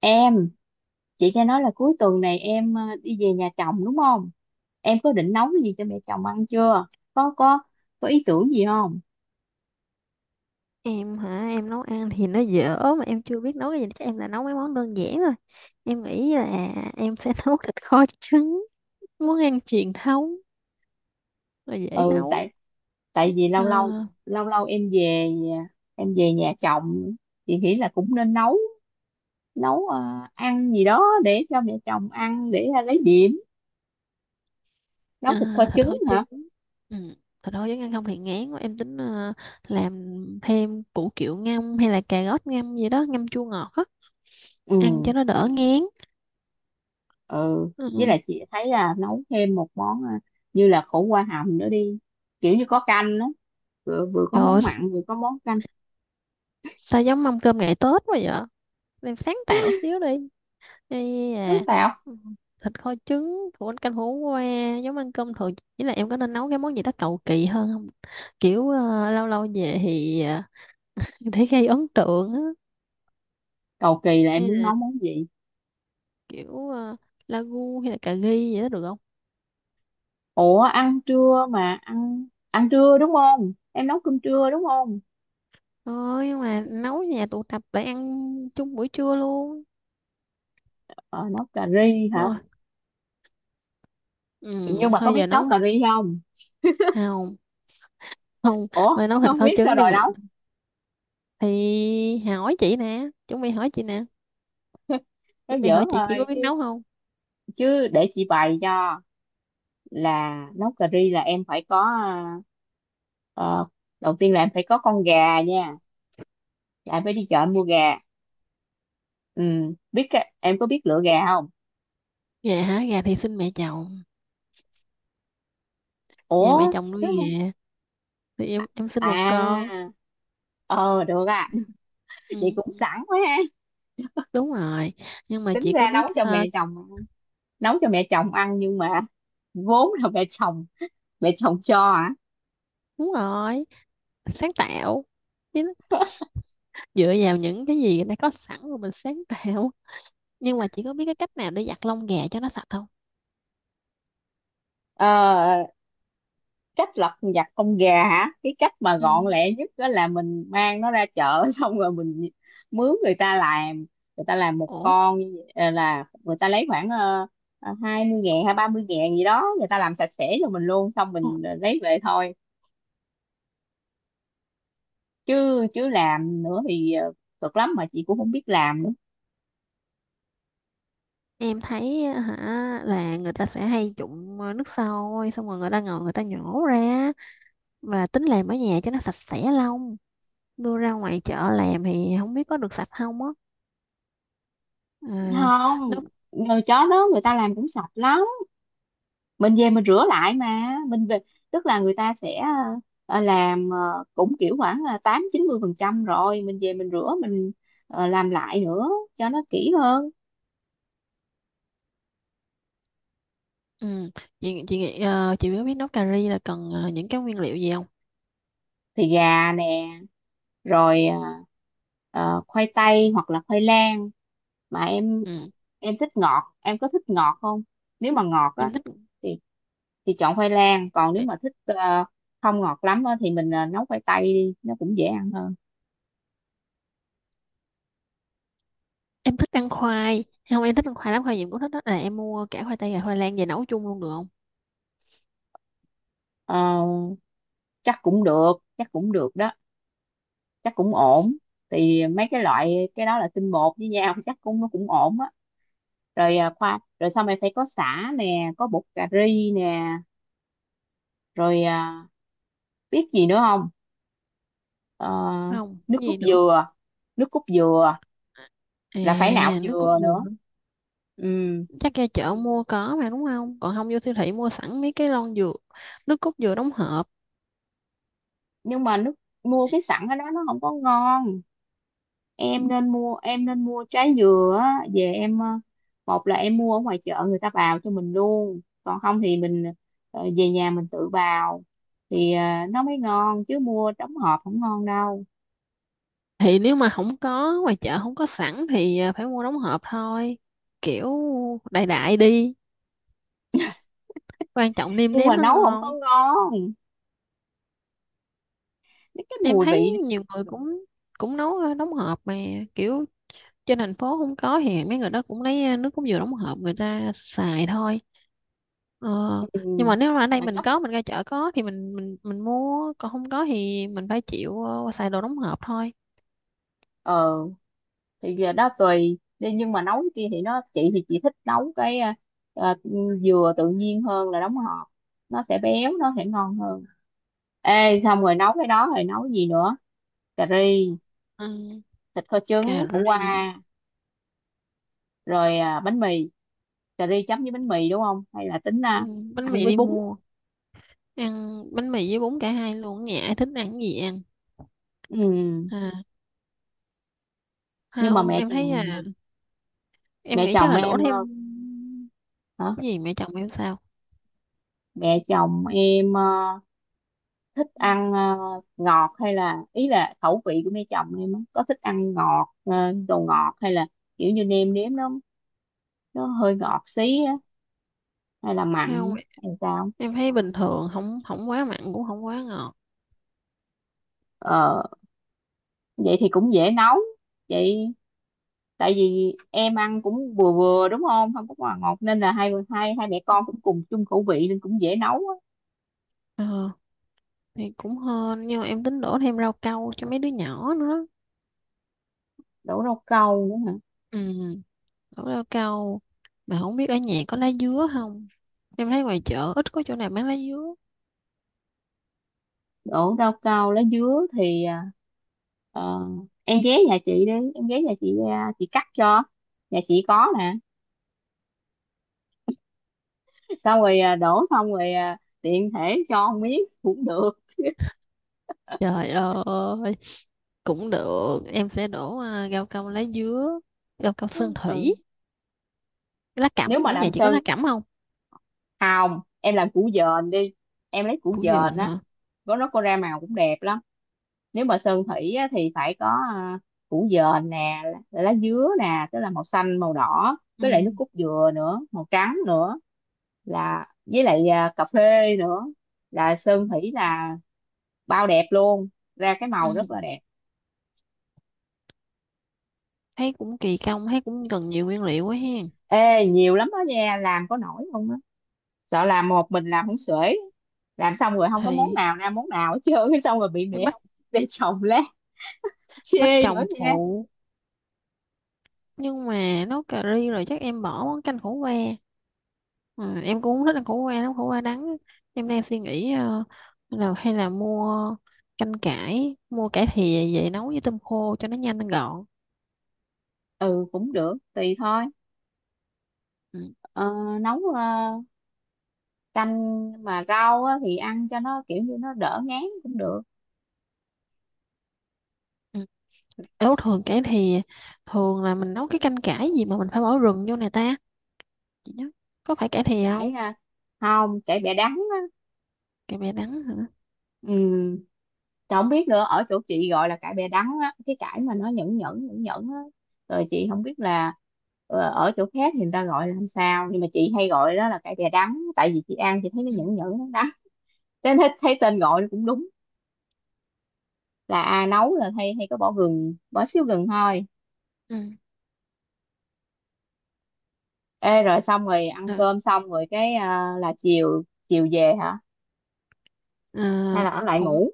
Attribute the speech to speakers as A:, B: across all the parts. A: Em, chị nghe nói là cuối tuần này em đi về nhà chồng đúng không? Em có định nấu cái gì cho mẹ chồng ăn chưa? Có, có ý tưởng gì không?
B: Em hả? Em nấu ăn thì nó dở mà em chưa biết nấu cái gì, chắc em là nấu mấy món đơn giản thôi. Em nghĩ là em sẽ nấu thịt kho trứng, món ăn truyền thống và dễ
A: Ừ,
B: nấu.
A: tại tại vì
B: Ờ,
A: lâu lâu em về nhà chồng, chị nghĩ là cũng nên nấu nấu ờ, ăn gì đó để cho mẹ chồng ăn, để lấy điểm. Nấu
B: ờ,
A: thịt kho
B: thịt
A: trứng
B: kho
A: hả?
B: trứng, ừ. Thịt kho trứng ăn không thì ngán quá, em tính làm thêm củ kiệu ngâm hay là cà rốt ngâm gì đó, ngâm chua ngọt á,
A: Ừ,
B: ăn cho nó đỡ ngán.
A: ừ, với
B: Ừ.
A: lại chị thấy là nấu thêm một món như là khổ qua hầm nữa đi, kiểu như có canh á, vừa vừa có
B: Trời
A: món
B: ơi,
A: mặn vừa có món canh.
B: sao giống mâm cơm ngày Tết quá vậy? Em sáng tạo xíu đi. Ây
A: Sáng
B: à,
A: tạo,
B: ừ, thịt kho trứng của anh, canh hổ qua, giống ăn cơm thường. Chỉ là em có nên nấu cái món gì đó cầu kỳ hơn không, kiểu lâu lâu về thì để gây ấn tượng á.
A: cầu kỳ là em
B: Hay
A: muốn
B: là
A: nấu món gì?
B: kiểu lagu hay là cà ri vậy đó được không?
A: Ủa, ăn trưa mà, ăn ăn trưa đúng không, em nấu cơm trưa đúng không?
B: Thôi, nhưng mà nấu nhà tụ tập để ăn chung buổi trưa luôn.
A: Ờ, Nấu cà ri hả?
B: Thôi, ừ,
A: Nhưng mà có
B: thôi
A: biết
B: giờ
A: nấu
B: nấu.
A: cà ri không?
B: Không, không.
A: Ủa,
B: Thôi nấu thịt
A: không
B: kho
A: biết sao
B: trứng đi
A: rồi
B: mình,
A: nấu?
B: thì hỏi chị nè, chuẩn bị hỏi chị nè,
A: Nó
B: chuẩn bị
A: dở
B: hỏi chị có
A: thôi,
B: biết
A: chứ
B: nấu không?
A: chứ để chị bày cho. Là nấu cà ri là em phải có, ờ, đầu tiên là em phải có con gà nha, là em phải đi chợ em mua gà. Ừ, biết em có biết lựa gà không?
B: Gà hả? Gà thì xin mẹ chồng, nhà mẹ
A: Ủa,
B: chồng
A: chứ
B: nuôi
A: không
B: về, thì em sinh một con.
A: à? Ờ Được à. Chị
B: Ừ,
A: cũng sẵn quá.
B: đúng rồi. Nhưng mà
A: Tính
B: chị có
A: ra
B: biết
A: nấu cho mẹ chồng, ăn, nhưng mà vốn là mẹ chồng, mẹ chồng cho hả?
B: đúng rồi, sáng tạo. Chứ dựa vào những cái gì đã có sẵn rồi mình sáng tạo. Nhưng mà chị có biết cái cách nào để giặt lông gà cho nó sạch không?
A: Ờ, cách lật vặt con gà hả, cái cách mà
B: Ừ.
A: gọn lẹ nhất đó là mình mang nó ra chợ xong rồi mình mướn người ta làm. Người ta làm một
B: Ủa,
A: con như vậy, là người ta lấy khoảng 20.000 hay 30.000 gì đó, người ta làm sạch sẽ cho mình luôn, xong mình lấy về thôi. Chứ chứ làm nữa thì cực lắm mà chị cũng không biết làm.
B: em thấy á, hả, là người ta sẽ hay trụng nước sôi xong rồi người ta ngồi người ta nhổ ra, và tính làm ở nhà cho nó sạch sẽ lông. Đưa ra ngoài chợ làm thì không biết có được sạch không á. À, nó.
A: Không, rồi chó đó người ta làm cũng sạch lắm, mình về mình rửa lại. Mà mình về, tức là người ta sẽ làm cũng kiểu khoảng là 80-90%, rồi mình về mình rửa mình làm lại nữa cho nó kỹ hơn.
B: Ừ. Chị nghĩ chị có biết nấu cà ri là cần những cái nguyên liệu gì không?
A: Thì gà nè, rồi khoai tây hoặc là khoai lang. Mà em
B: Ừ.
A: em thích ngọt, em có thích ngọt không? Nếu mà ngọt á
B: Em thích.
A: thì thì chọn khoai lang, còn nếu mà thích không ngọt lắm á, thì mình nấu khoai tây đi, nó cũng dễ ăn hơn.
B: Em thích ăn khoai không? Em thích ăn khoai lắm, khoai gì em cũng thích, đó là em mua cả khoai tây và khoai lang về nấu chung luôn được không?
A: Ờ, chắc cũng được, chắc cũng được đó, chắc cũng ổn. Thì mấy cái loại cái đó là tinh bột với nhau, chắc cũng nó cũng ổn á. Rồi rồi sau này phải có sả nè, có bột cà ri nè, rồi biết gì nữa không? Ờ,
B: Không
A: nước
B: cái
A: cốt
B: gì nữa.
A: dừa, nước cốt dừa
B: À,
A: là phải nạo
B: nước cốt
A: dừa
B: dừa
A: nữa.
B: hả?
A: Ừ,
B: Chắc ra chợ mua có mà, đúng không? Còn không vô siêu thị mua sẵn mấy cái lon dừa, nước cốt dừa đóng hộp.
A: nhưng mà mua cái sẵn ở đó nó không có ngon, em nên mua, trái dừa á, về em một là em mua ở ngoài chợ người ta bào cho mình luôn, còn không thì mình về nhà mình tự bào, thì nó mới ngon, chứ mua đóng hộp không ngon đâu.
B: Thì nếu mà không có ngoài chợ không có sẵn thì phải mua đóng hộp thôi, kiểu đại đại đi, quan trọng nêm
A: Nhưng
B: nếm
A: mà
B: nó
A: nấu không có
B: ngon.
A: ngon, cái
B: Em
A: mùi
B: thấy
A: vị.
B: nhiều người cũng cũng nấu đóng hộp mà, kiểu trên thành phố không có thì mấy người đó cũng lấy nước cốt dừa đóng hộp người ta xài thôi. Ờ,
A: Ừ,
B: nhưng mà nếu mà ở đây
A: mà
B: mình
A: chắc
B: có, mình ra chợ có thì mình mua, còn không có thì mình phải chịu xài đồ đóng hộp thôi.
A: ờ thì giờ đó tùy đi, nhưng mà nấu cái kia thì nó chị thì chị thích nấu cái ờ, dừa tự nhiên hơn là đóng hộp, nó sẽ béo, nó sẽ ngon hơn. Ê, xong rồi nấu cái đó rồi nấu gì nữa? Cà ri,
B: Ừ,
A: thịt kho
B: cà
A: trứng, khổ qua,
B: ri.
A: rồi bánh mì. Cà ri chấm với bánh mì đúng không, hay là tính
B: Ừ, bánh
A: ăn
B: mì
A: với
B: đi
A: bún?
B: mua. Ăn bánh mì với bún cả hai luôn, ở nhà ai thích ăn cái gì ăn.
A: Ừ.
B: À,
A: Nhưng mà
B: không
A: mẹ
B: em thấy
A: chồng,
B: à, em
A: mẹ
B: nghĩ chắc
A: chồng
B: là đổ
A: em
B: thêm.
A: hả?
B: Cái gì mẹ chồng em sao?
A: Mẹ chồng em thích
B: Ừ.
A: ăn ngọt, hay là, ý là khẩu vị của mẹ chồng em á, có thích ăn ngọt, đồ ngọt, hay là kiểu như nêm nếm nó hơi ngọt xí á, hay là
B: Không,
A: mặn hay sao?
B: em thấy bình thường, không không quá mặn cũng không quá ngọt.
A: ờ Vậy thì cũng dễ nấu vậy. Tại vì em ăn cũng vừa vừa đúng không, không có quá ngọt, nên là hai hai hai mẹ con cũng cùng chung khẩu vị nên cũng dễ nấu á.
B: Ờ, thì cũng hên, nhưng mà em tính đổ thêm rau câu cho mấy đứa nhỏ nữa.
A: Đổ rau câu nữa hả?
B: Ừ, đổ rau câu, mà không biết ở nhà có lá dứa không, em thấy ngoài chợ ít có chỗ nào bán lá dứa.
A: Đổ rau câu lá dứa thì ờ, em ghé nhà chị đi, em ghé nhà chị à, chị cắt cho, nhà chị có nè. Xong rồi đổ, xong rồi tiện thể cho một miếng cũng được.
B: Trời ơi, cũng được, em sẽ đổ rau câu lá dứa, rau câu sơn thủy,
A: Ừ.
B: lá
A: Nếu
B: cẩm
A: mà
B: nữa, nhà
A: làm
B: chị có
A: sơn
B: lá cẩm không?
A: hồng, em làm củ dền đi, em lấy củ
B: Củ
A: dền
B: dền
A: á,
B: hả?
A: nó có ra màu cũng đẹp lắm. Nếu mà sơn thủy á thì phải có à, củ dền nè, lá lá dứa nè, tức là màu xanh, màu đỏ,
B: Ừ.
A: với lại nước cốt dừa nữa màu trắng nữa, là với lại cà phê nữa, là sơn thủy là bao đẹp luôn, ra cái màu rất
B: Ừ,
A: là đẹp.
B: thấy cũng kỳ công, thấy cũng cần nhiều nguyên liệu quá hen.
A: Ê, nhiều lắm đó nha, làm có nổi không á, sợ làm một mình làm không xuể, làm xong rồi không có món
B: Thì
A: nào ra món nào hết trơn, cái xong rồi bị
B: phải
A: mẹ
B: bắt,
A: để chồng lát
B: bắt
A: chê nữa
B: chồng
A: nha.
B: phụ. Nhưng mà nấu cà ri rồi chắc em bỏ món canh khổ qua. Ờ, em cũng không thích ăn khổ qua lắm, khổ qua đắng á. Em đang suy nghĩ là hay là mua canh cải, mua cải thìa về nấu với tôm khô cho nó nhanh nó gọn.
A: Ừ, cũng được, tùy thôi.
B: Ừ.
A: Ờ, nấu canh mà rau á, thì ăn cho nó kiểu như nó đỡ ngán cũng được.
B: Ừ. Ếu thường cải thìa, thường là mình nấu cái canh cải gì mà mình phải bỏ rừng vô này ta, chị nhớ, có phải cải thìa
A: Cải
B: không?
A: không, cải bẹ đắng á.
B: Cải bẹ đắng hả?
A: Ừ. Trời, không biết nữa, ở chỗ chị gọi là cải bẹ đắng á, cái cải mà nó nhẫn nhẫn nhẫn nhẫn á, rồi chị không biết là ở chỗ khác thì người ta gọi là làm sao, nhưng mà chị hay gọi đó là cải bẹ đắng, tại vì chị ăn chị thấy nó
B: Ừ.
A: nhẫn nhẫn, nó đắng, cho nên thấy tên gọi nó cũng đúng. Là nấu là hay hay có bỏ gừng, bỏ xíu gừng thôi.
B: Ừ.
A: Ê, rồi xong rồi ăn
B: Ừ. Ờ.
A: cơm xong rồi cái là chiều chiều về hả, hay
B: À,
A: là ở lại
B: không,
A: ngủ?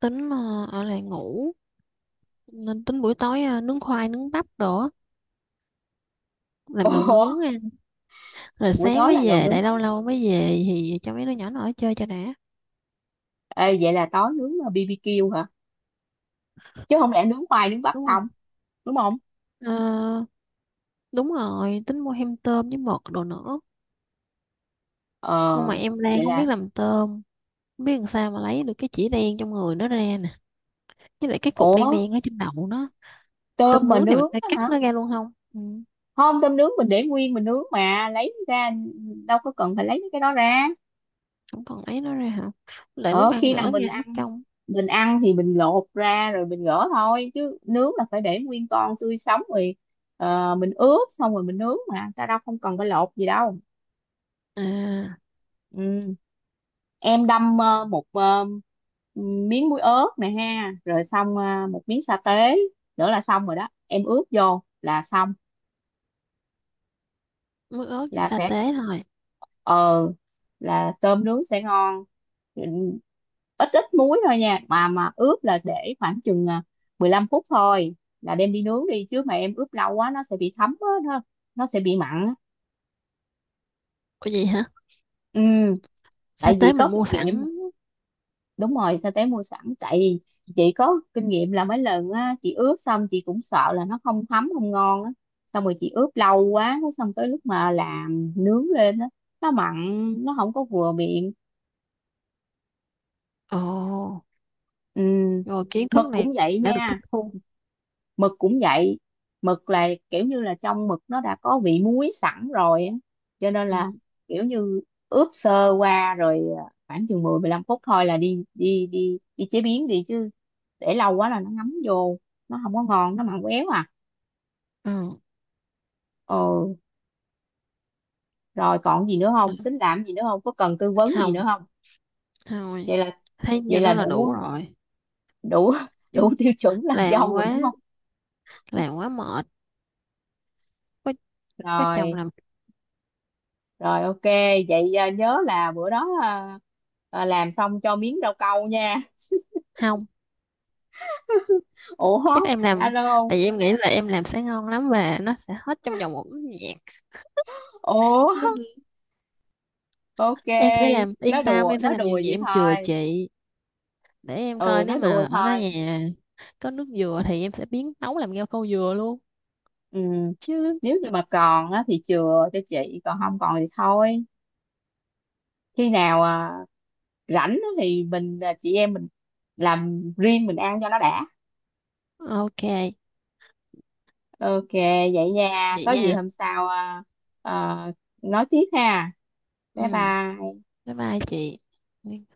B: tính ở lại ngủ, nên tính buổi tối nướng khoai nướng bắp đồ á, làm đồ
A: Ủa,
B: nướng á. Rồi
A: buổi
B: sáng
A: tối là
B: mới
A: lẩu
B: về
A: nướng.
B: lại, lâu lâu mới về thì cho mấy đứa nhỏ nó ở chơi cho đã.
A: Ê, vậy là tối nướng là BBQ hả? Chứ không lẽ nướng khoai nướng bắp
B: Đúng không?
A: không? Đúng không?
B: Ờ, đúng rồi, tính mua hem tôm với mực đồ nữa.
A: Ờ,
B: Nhưng mà em đang
A: Vậy
B: không
A: là,
B: biết làm tôm, không biết làm sao mà lấy được cái chỉ đen trong người nó ra nè, với lại cái cục
A: ủa,
B: đen đen ở trên đầu nó.
A: tôm
B: Tôm
A: mà
B: nướng thì mình
A: nướng
B: phải
A: á
B: cắt
A: hả?
B: nó ra luôn không? Ừ,
A: Không, tôm nướng mình để nguyên mình nướng mà, lấy ra đâu có cần phải lấy mấy cái đó ra.
B: không còn lấy nó ra hả, lại lúc
A: Ờ,
B: ăn
A: khi nào
B: gỡ
A: mình
B: ra mất
A: ăn,
B: công.
A: thì mình lột ra rồi mình gỡ thôi, chứ nướng là phải để nguyên con tươi sống, rồi mình ướp xong rồi mình nướng mà ta, đâu không cần phải lột gì đâu.
B: À,
A: Ừ. Em đâm một miếng muối ớt nè ha, rồi xong một miếng sa tế nữa là xong rồi đó, em ướp vô là xong,
B: mới ớt với
A: là
B: sa
A: sẽ,
B: tế thôi?
A: ờ là tôm nướng sẽ ngon. Ừ, ít ít muối thôi nha, mà ướp là để khoảng chừng 15 phút thôi là đem đi nướng đi, chứ mà em ướp lâu quá nó sẽ bị thấm á, nó sẽ bị mặn á.
B: Có gì hả?
A: Ừ,
B: Sa
A: tại
B: tế
A: vì
B: mình
A: có
B: mua
A: kinh
B: sẵn.
A: nghiệm. Đúng rồi, sao té mua sẵn, tại vì chị có kinh nghiệm là mấy lần á, chị ướp xong chị cũng sợ là nó không thấm không ngon á, xong rồi chị ướp lâu quá, cái xong tới lúc mà làm nướng lên á, nó mặn, nó không có vừa miệng.
B: Ồ.
A: Ừ.
B: Rồi kiến thức
A: Mực cũng
B: này
A: vậy
B: đã được tiếp
A: nha,
B: thu.
A: mực cũng vậy, mực là kiểu như là trong mực nó đã có vị muối sẵn rồi á, cho nên
B: Ừ.
A: là kiểu như ướp sơ qua rồi khoảng chừng 10-15 phút thôi là đi đi đi đi chế biến đi, chứ để lâu quá là nó ngấm vô, nó không có ngon, nó mặn éo à.
B: Ừ.
A: ờ Rồi còn gì nữa không, tính làm gì nữa không, có cần tư vấn gì nữa
B: Không,
A: không?
B: thôi,
A: vậy là
B: thấy
A: Vậy
B: nhiêu đó
A: là
B: là
A: đủ,
B: đủ rồi.
A: đủ
B: Chứ
A: đủ tiêu chuẩn làm
B: làm
A: dâu rồi đúng
B: quá,
A: không?
B: làm quá mệt, có có chồng
A: Rồi
B: làm.
A: Rồi, ok, vậy nhớ là bữa đó làm xong cho miếng rau câu nha.
B: Không,
A: Ủa,
B: chắc em làm,
A: alo không?
B: tại vì em nghĩ là em làm sẽ ngon lắm và nó sẽ hết trong vòng một nốt nhạc,
A: Ủa,
B: nên
A: ok,
B: em sẽ làm, yên tâm, em sẽ
A: nó
B: làm
A: đùa
B: nhiều nhạc,
A: vậy
B: em chừa
A: thôi.
B: chị. Để em
A: Ừ,
B: coi nếu
A: nó
B: mà
A: đùa
B: ở đó
A: thôi.
B: nhà có nước dừa thì em sẽ biến nấu làm ngao câu dừa luôn.
A: Ừ.
B: Chứ.
A: Nếu như mà còn á thì chừa cho chị, còn không còn thì thôi. Khi nào rảnh á thì mình, chị em mình làm riêng mình ăn cho nó đã.
B: Ok,
A: Ok, vậy nha.
B: vậy
A: Có gì
B: nha.
A: hôm sau à, nói tiếp ha.
B: Ừ.
A: Bye bye.
B: Bye bye chị.